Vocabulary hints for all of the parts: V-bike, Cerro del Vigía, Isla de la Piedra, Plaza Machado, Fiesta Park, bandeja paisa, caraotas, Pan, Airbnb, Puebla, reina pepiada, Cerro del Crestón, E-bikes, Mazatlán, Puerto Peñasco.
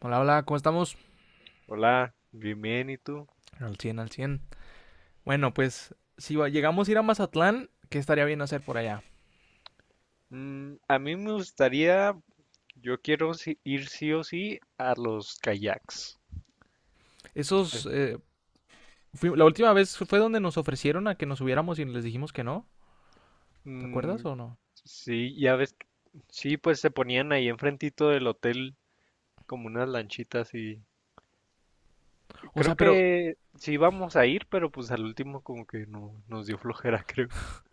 Hola, hola, ¿cómo estamos? Hola, bien, bien, ¿y tú? Al 100 al cien. Bueno, pues si llegamos a ir a Mazatlán, ¿qué estaría bien hacer por allá? A mí me gustaría, yo quiero ir sí o sí a los kayaks. Eh, Esos, la última vez fue donde nos ofrecieron a que nos subiéramos y les dijimos que no. ¿Te acuerdas mm, o no? sí, ya ves, sí, pues se ponían ahí enfrentito del hotel como unas lanchitas y O sea, creo pero, que sí íbamos a ir, pero pues al último como que no nos dio flojera, creo.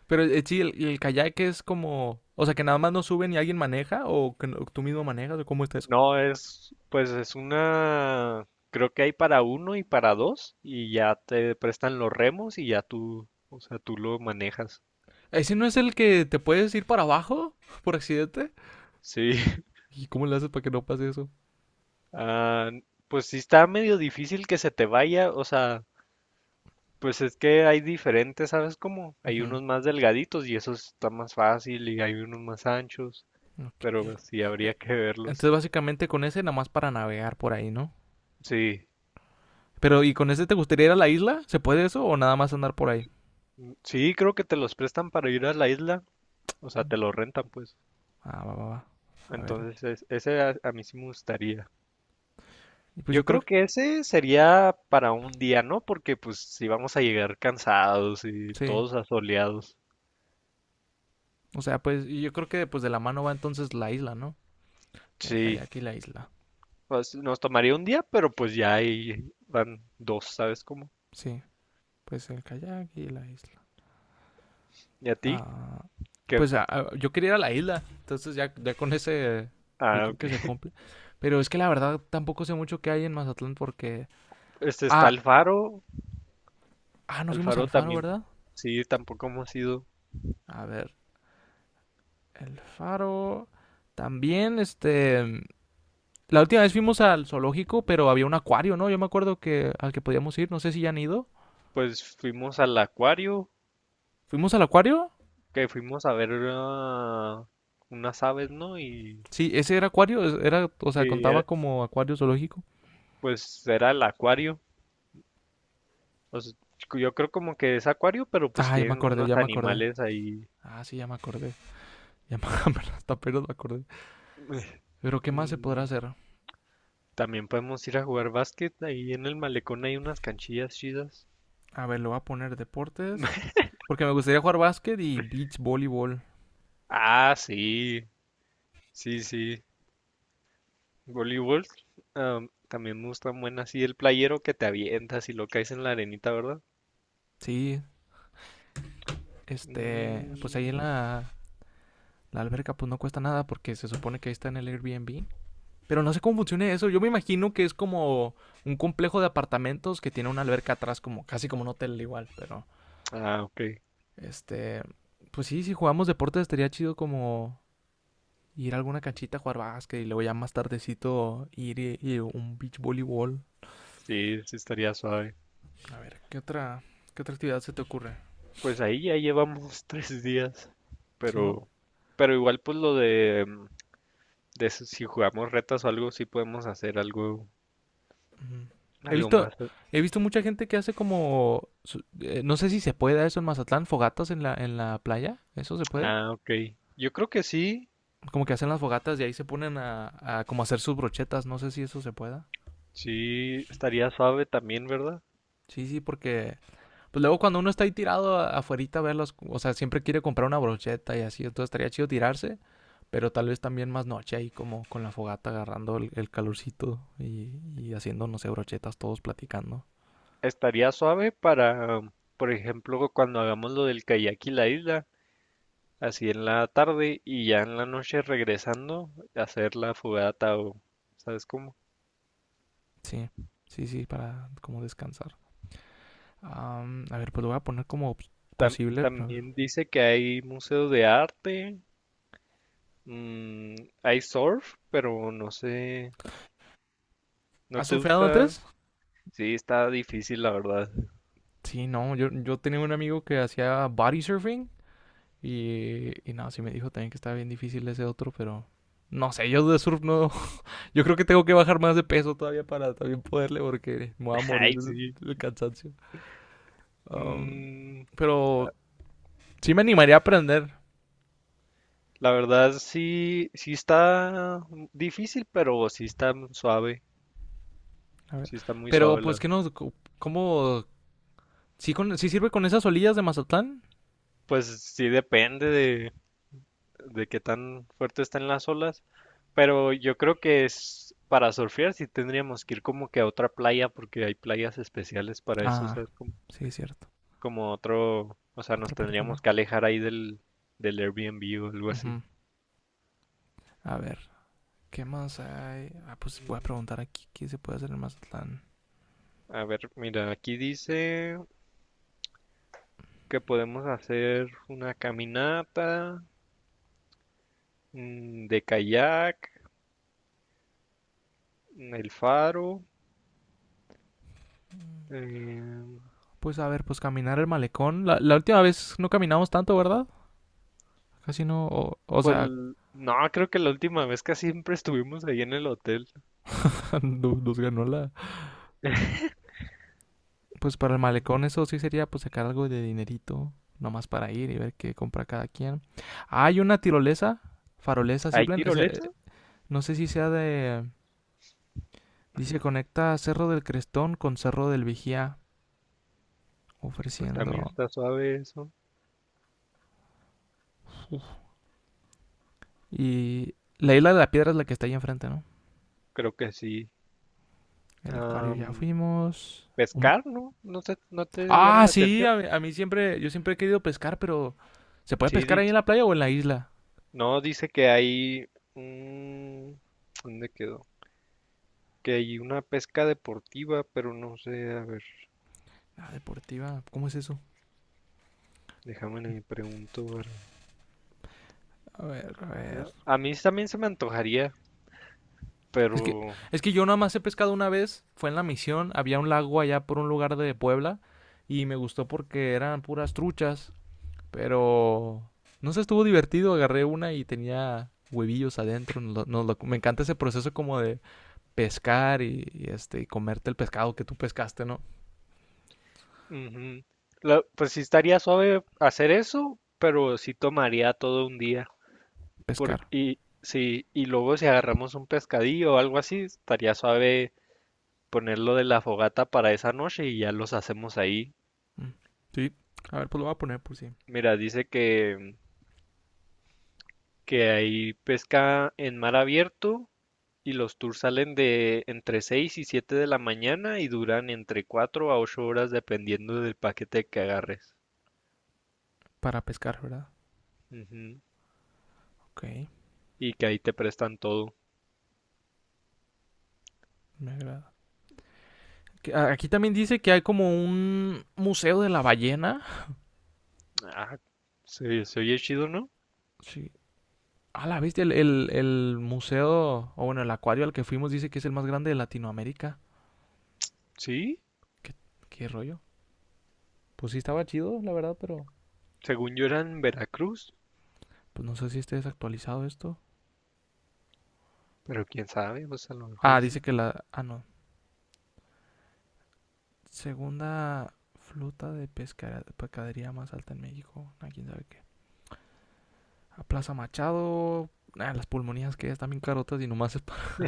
pero eh, sí, el kayak es como, o sea, que nada más nos suben y alguien maneja o que tú mismo manejas o cómo está eso. No, es, pues es una, creo que hay para uno y para dos y ya te prestan los remos y ya tú, o sea, tú lo manejas. ¿Ese no es el que te puedes ir para abajo por accidente? Sí. ¿Y cómo le haces para que no pase eso? Ah, pues sí está medio difícil que se te vaya, o sea, pues es que hay diferentes, ¿sabes cómo? Hay Ujú, unos más delgaditos y eso está más fácil y hay unos más anchos, ok, pero ok. pues, sí habría Eh, que verlos. Entonces, básicamente con ese nada más para navegar por ahí, ¿no? Sí, Pero, ¿y con ese te gustaría ir a la isla? ¿Se puede eso o nada más andar por ahí? sí, creo que te los prestan para ir a la isla, o sea, te los rentan pues. Ah, va, va, va. A ver. Entonces, ese a mí sí me gustaría. Y pues yo Yo creo creo que que ese sería para un día, ¿no? Porque pues si vamos a llegar cansados y sí. todos asoleados. O sea, pues yo creo que pues de la mano va entonces la isla, ¿no? El Sí. kayak y la isla. Pues, nos tomaría un día, pero pues ya ahí van dos, ¿sabes cómo? Sí, pues el kayak y la isla. ¿Y a ti? Ah, ¿Qué? pues yo quería ir a la isla. Entonces ya, ya con ese, yo Ah, creo ok. que se cumple. Pero es que la verdad tampoco sé mucho qué hay en Mazatlán porque... Este está Ah, el faro. ah, no El fuimos faro al faro, también, ¿verdad? sí, tampoco hemos ido. A ver, el faro. También, este. La última vez fuimos al zoológico, pero había un acuario, ¿no? Yo me acuerdo que al que podíamos ir, no sé si ya han ido. Pues fuimos al acuario, ¿Fuimos al acuario? que fuimos a ver unas aves, ¿no? Y Sí, ese era acuario, era, o sea, sí, contaba como acuario zoológico. pues era el acuario. O sea, yo creo como que es acuario, pero pues Ah, ya me tienen acordé, unos ya me acordé. animales ahí. Ah, sí, ya me acordé. Ya me hasta apenas me acordé. Pero ¿qué más se podrá Mm, hacer? También podemos ir a jugar básquet. Ahí en el malecón hay unas canchillas chidas. A ver, lo voy a poner deportes. Porque me gustaría jugar básquet y beach voleibol. Ah, sí, sí, sí. Voleibol. También me gustan buenas. Sí, el playero que te avientas y lo caes en la arenita, ¿verdad? Sí, pues ahí en Mm, la alberca pues no cuesta nada porque se supone que ahí está en el Airbnb. Pero no sé cómo funciona eso. Yo me imagino que es como un complejo de apartamentos que tiene una alberca atrás, como casi como un hotel igual. Pero, ah, ok. este, pues sí, si jugamos deportes estaría chido como ir a alguna canchita a jugar básquet y luego ya más tardecito ir y un beach voleibol. Sí, sí estaría suave. A ver, ¿qué otra actividad se te ocurre? Pues ahí ya llevamos 3 días. ¿Sí, no? Pero, pero, igual pues lo de, si jugamos retas o algo, sí podemos hacer algo, Ujú. He algo visto, más. he visto mucha gente que hace como, no sé si se puede eso en Mazatlán, fogatas en la playa. ¿Eso se puede? Ah, ok. Yo creo que sí. Como que hacen las fogatas y ahí se ponen a como hacer sus brochetas. No sé si eso se pueda. Sí, estaría suave también, ¿verdad? Sí, sí, porque pues luego cuando uno está ahí tirado afuerita a verlos, o sea, siempre quiere comprar una brocheta y así, entonces estaría chido tirarse, pero tal vez también más noche ahí como con la fogata agarrando el calorcito y haciendo, no sé, brochetas todos platicando. Estaría suave para, por ejemplo, cuando hagamos lo del kayak y la isla, así en la tarde y ya en la noche regresando, hacer la fogata o, ¿sabes cómo? Sí, sí, sí, para como descansar. A ver, pues lo voy a poner como posible, pero a ver. También dice que hay museo de arte, mm, hay surf, pero no sé, ¿no ¿Has te surfeado gusta? antes? Sí, está difícil, la verdad. Sí, no, yo tenía un amigo que hacía body surfing. Y no, sí me dijo también que estaba bien difícil ese otro, pero no sé, yo de surf no. Yo creo que tengo que bajar más de peso todavía para también poderle, porque me voy a morir Ay, sí. del cansancio. Um, Mm, pero sí me animaría a aprender. la verdad, sí, sí está difícil, pero sí está suave, A ver. sí está muy Pero suave, la. pues, ¿qué nos? ¿Cómo? ¿Sí, con? ¿Sí sirve con esas olillas de Mazatlán? Pues sí depende de qué tan fuerte están las olas, pero yo creo que es para surfear sí tendríamos que ir como que a otra playa porque hay playas especiales para eso, o Ah, sea, es como, sí, es cierto. Otro, o sea, nos Otra parte tendríamos no. que alejar ahí del Airbnb o algo así. Ujú. A ver, ¿qué más hay? Ah, pues voy a preguntar aquí qué se puede hacer en Mazatlán. A ver, mira, aquí dice que podemos hacer una caminata, de kayak, el faro. em, Pues a ver, pues caminar el malecón. La última vez no caminamos tanto, ¿verdad? Casi no, o Pues sea, no, creo que la última vez que siempre estuvimos ahí en el hotel. Nos ganó la... Pues para el Mm. malecón eso sí sería pues sacar algo de dinerito, nomás para ir y ver qué compra cada quien. Ah, hay una tirolesa, farolesa, sí, ¿Hay plan, es tirolesa? no sé si sea de... Dice conecta Cerro del Crestón con Cerro del Vigía, Pues también ofreciendo... está suave eso. Uf. Y la isla de la piedra es la que está ahí enfrente, ¿no? Creo que sí. El acuario Am, ya fuimos. Pescar, ¿no? No sé, ¿no te llama Ah, la sí, atención? a mí siempre, yo siempre he querido pescar, pero ¿se puede Sí, pescar ahí en dice, la playa o en la isla? no, dice que hay... mm, ¿dónde quedó? Que hay una pesca deportiva, pero no sé, a ver, La deportiva, ¿cómo es eso? déjame le pregunto. A ver, a A ver. a mí también se me antojaría, Es que, pero. es que yo nada más he pescado una vez, fue en la misión, había un lago allá por un lugar de Puebla y me gustó porque eran puras truchas, pero no sé, estuvo divertido, agarré una y tenía huevillos adentro, me encanta ese proceso como de pescar y y comerte el pescado que tú pescaste, ¿no? Ujú. Pues sí estaría suave hacer eso, pero sí tomaría todo un día. Pescar. Y, sí, y luego si agarramos un pescadillo o algo así, estaría suave ponerlo de la fogata para esa noche y ya los hacemos ahí. Mm. Sí. A ver, pues lo voy a poner por si Mira, dice que, ahí pesca en mar abierto y los tours salen de entre 6 y 7 de la mañana y duran entre 4 a 8 horas dependiendo del paquete que agarres. para pescar, ¿verdad? Ujú. Ok, Y que ahí te prestan todo. me agrada. Aquí también dice que hay como un museo de la ballena. Ah, se oye chido, ¿no? Sí. Ah, la bestia, el museo, o bueno, el acuario al que fuimos dice que es el más grande de Latinoamérica. Sí, ¿Qué, qué rollo? Pues sí estaba chido, la verdad, pero según yo era en Veracruz, pues no sé si esté desactualizado esto. pero quién sabe, pues a lo mejor Ah, y dice sí. que la... Ah, no. Segunda flota de pescadería más alta en México. Ah, quién sabe qué. A Plaza Machado. Ah, las pulmonías que están bien carotas y nomás es para...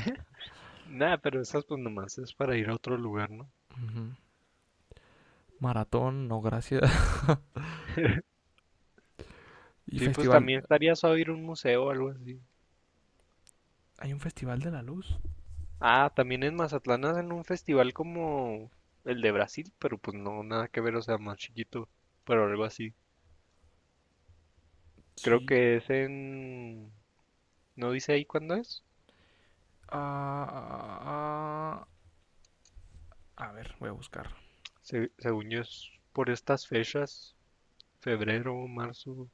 Nada, pero esas pues nomás es para ir a otro lugar, ¿no? Ujú. Maratón, no gracias. Y Sí, pues festival también estaría suave ir a un museo o algo así. Hay un festival de la luz. Ah, también en Mazatlán hacen un festival como el de Brasil, pero pues no, nada que ver, o sea, más chiquito, pero algo así. Creo Sí. que es en... ¿No dice ahí cuándo es? Ah, ah, ah, a ver, voy a buscar. Según yo es por estas fechas, febrero, marzo.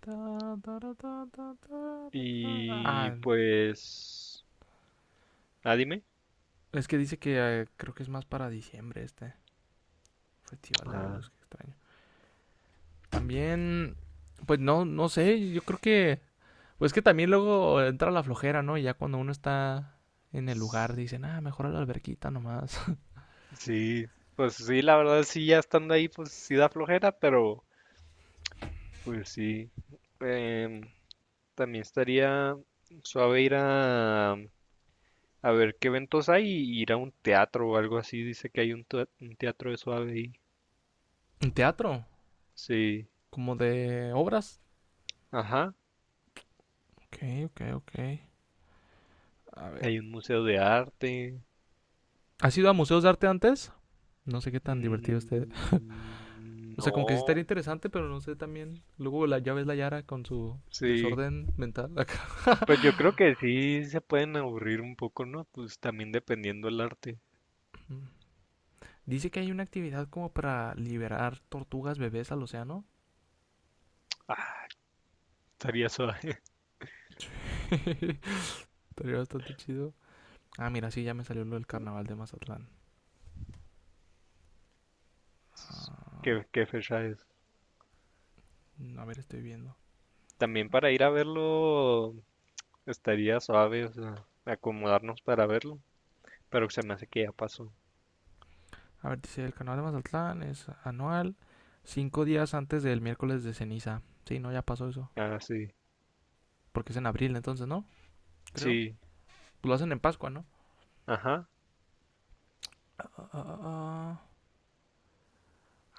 Ta, tara, ta, ta, tara, ta. Y Ah, pues, dime. es que dice que creo que es más para diciembre este festival de la Ah, luz, que extraño. También, pues no, no sé, yo creo que, pues que también luego entra la flojera, ¿no? Y ya cuando uno está en el s- lugar dicen, ah, mejor a la alberquita nomás. sí, pues sí, la verdad sí, ya estando ahí, pues sí da flojera, pero pues sí. Em, También estaría suave ir a ver qué eventos hay y ir a un teatro o algo así. Dice que hay un teatro de suave ahí. ¿En teatro? Sí, ¿Como de obras? ajá. Ok, ok, ok. A ver. Hay un museo de arte. ¿Has ido a museos de arte antes? No sé qué tan divertido esté. Mm, O sea, como que sí no, estaría interesante, pero no sé también. Luego ya ves la Yara con su sí. desorden mental acá. Pues yo creo que sí se pueden aburrir un poco, ¿no? Pues también dependiendo el arte. Dice que hay una actividad como para liberar tortugas bebés al océano. Ah, estaría suave. Sí, estaría bastante chido. Ah, mira, sí, ya me salió lo del carnaval de Mazatlán. ¿Qué fecha es? A ver, estoy viendo. También para ir a verlo estaría suave, o sea, acomodarnos para verlo. Pero se me hace que ya pasó. A ver, dice, el carnaval de Mazatlán es anual, 5 días antes del miércoles de ceniza. Sí, no, ya pasó eso. Ah, sí. Porque es en abril entonces, ¿no? Creo. Sí. Pues lo hacen en Pascua, ¿no? Ajá. Ah, ah, ah.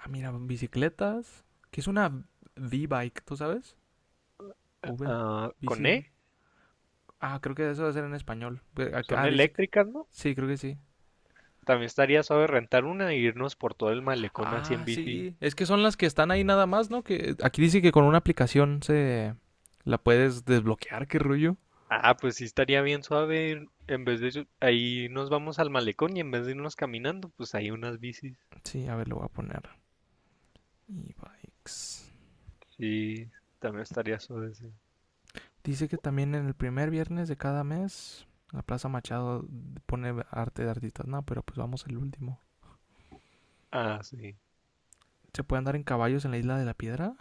Ah, mira, bicicletas. ¿Qué es una V-bike? ¿Tú sabes? V, Ah, con bici, V. E. Ah, creo que eso va a ser en español. Son Ah, dice que... eléctricas, ¿no? Sí, creo que sí. También estaría suave rentar una e irnos por todo el malecón así Ah, en bici. sí. Es que son las que están ahí nada más, ¿no? Que aquí dice que con una aplicación se... La puedes desbloquear, qué rollo. Ah, pues sí estaría bien suave. En vez de... ahí nos vamos al malecón y en vez de irnos caminando, pues hay unas bicis. Sí, a ver, lo voy a poner. E-bikes. Sí, también estaría suave. Sí. Dice que también en el primer viernes de cada mes, la Plaza Machado pone arte de artistas. No, pero pues vamos el último. Ah, sí. ¿Se puede andar en caballos en la Isla de la Piedra?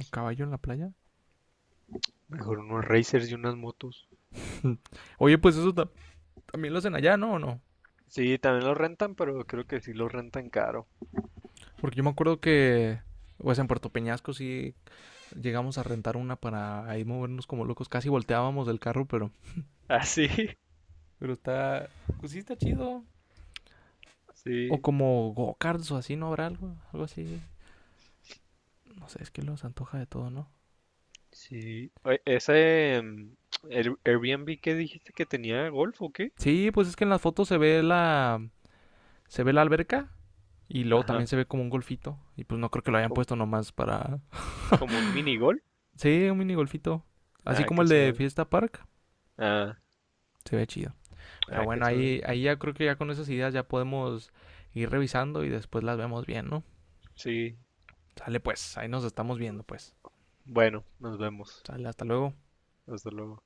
¿Un caballo en la playa? Mejor unos racers y unas motos. Mm. Oye, pues eso también lo hacen allá, ¿no? ¿O no? Sí, también los rentan, pero creo que sí los rentan caro. Porque yo me acuerdo que, pues en Puerto Peñasco sí llegamos a rentar una para ahí movernos como locos. Casi volteábamos del carro, pero... Ah, sí. Pero está... Pues sí está chido. O Sí, como go-karts o así, ¿no habrá algo? Algo así. No sé, es que los antoja de todo, ¿no? sí. Oye, ¿ese Airbnb que dijiste que tenía golf o qué? Sí, pues es que en las fotos se ve la... Se ve la alberca y luego también Ajá. se ve como un golfito. Y pues no creo que lo hayan como puesto nomás para... Como, un mini golf. Sí, un mini golfito. Así Ah, como qué el de suave. Fiesta Park. Ah, Se ve chido. Pero ah, qué bueno, suave. ahí ya creo que ya con esas ideas ya podemos ir revisando y después las vemos bien, ¿no? Sí. Sale pues, ahí nos estamos viendo pues. Bueno, nos vemos. Sale, hasta luego. Hasta luego.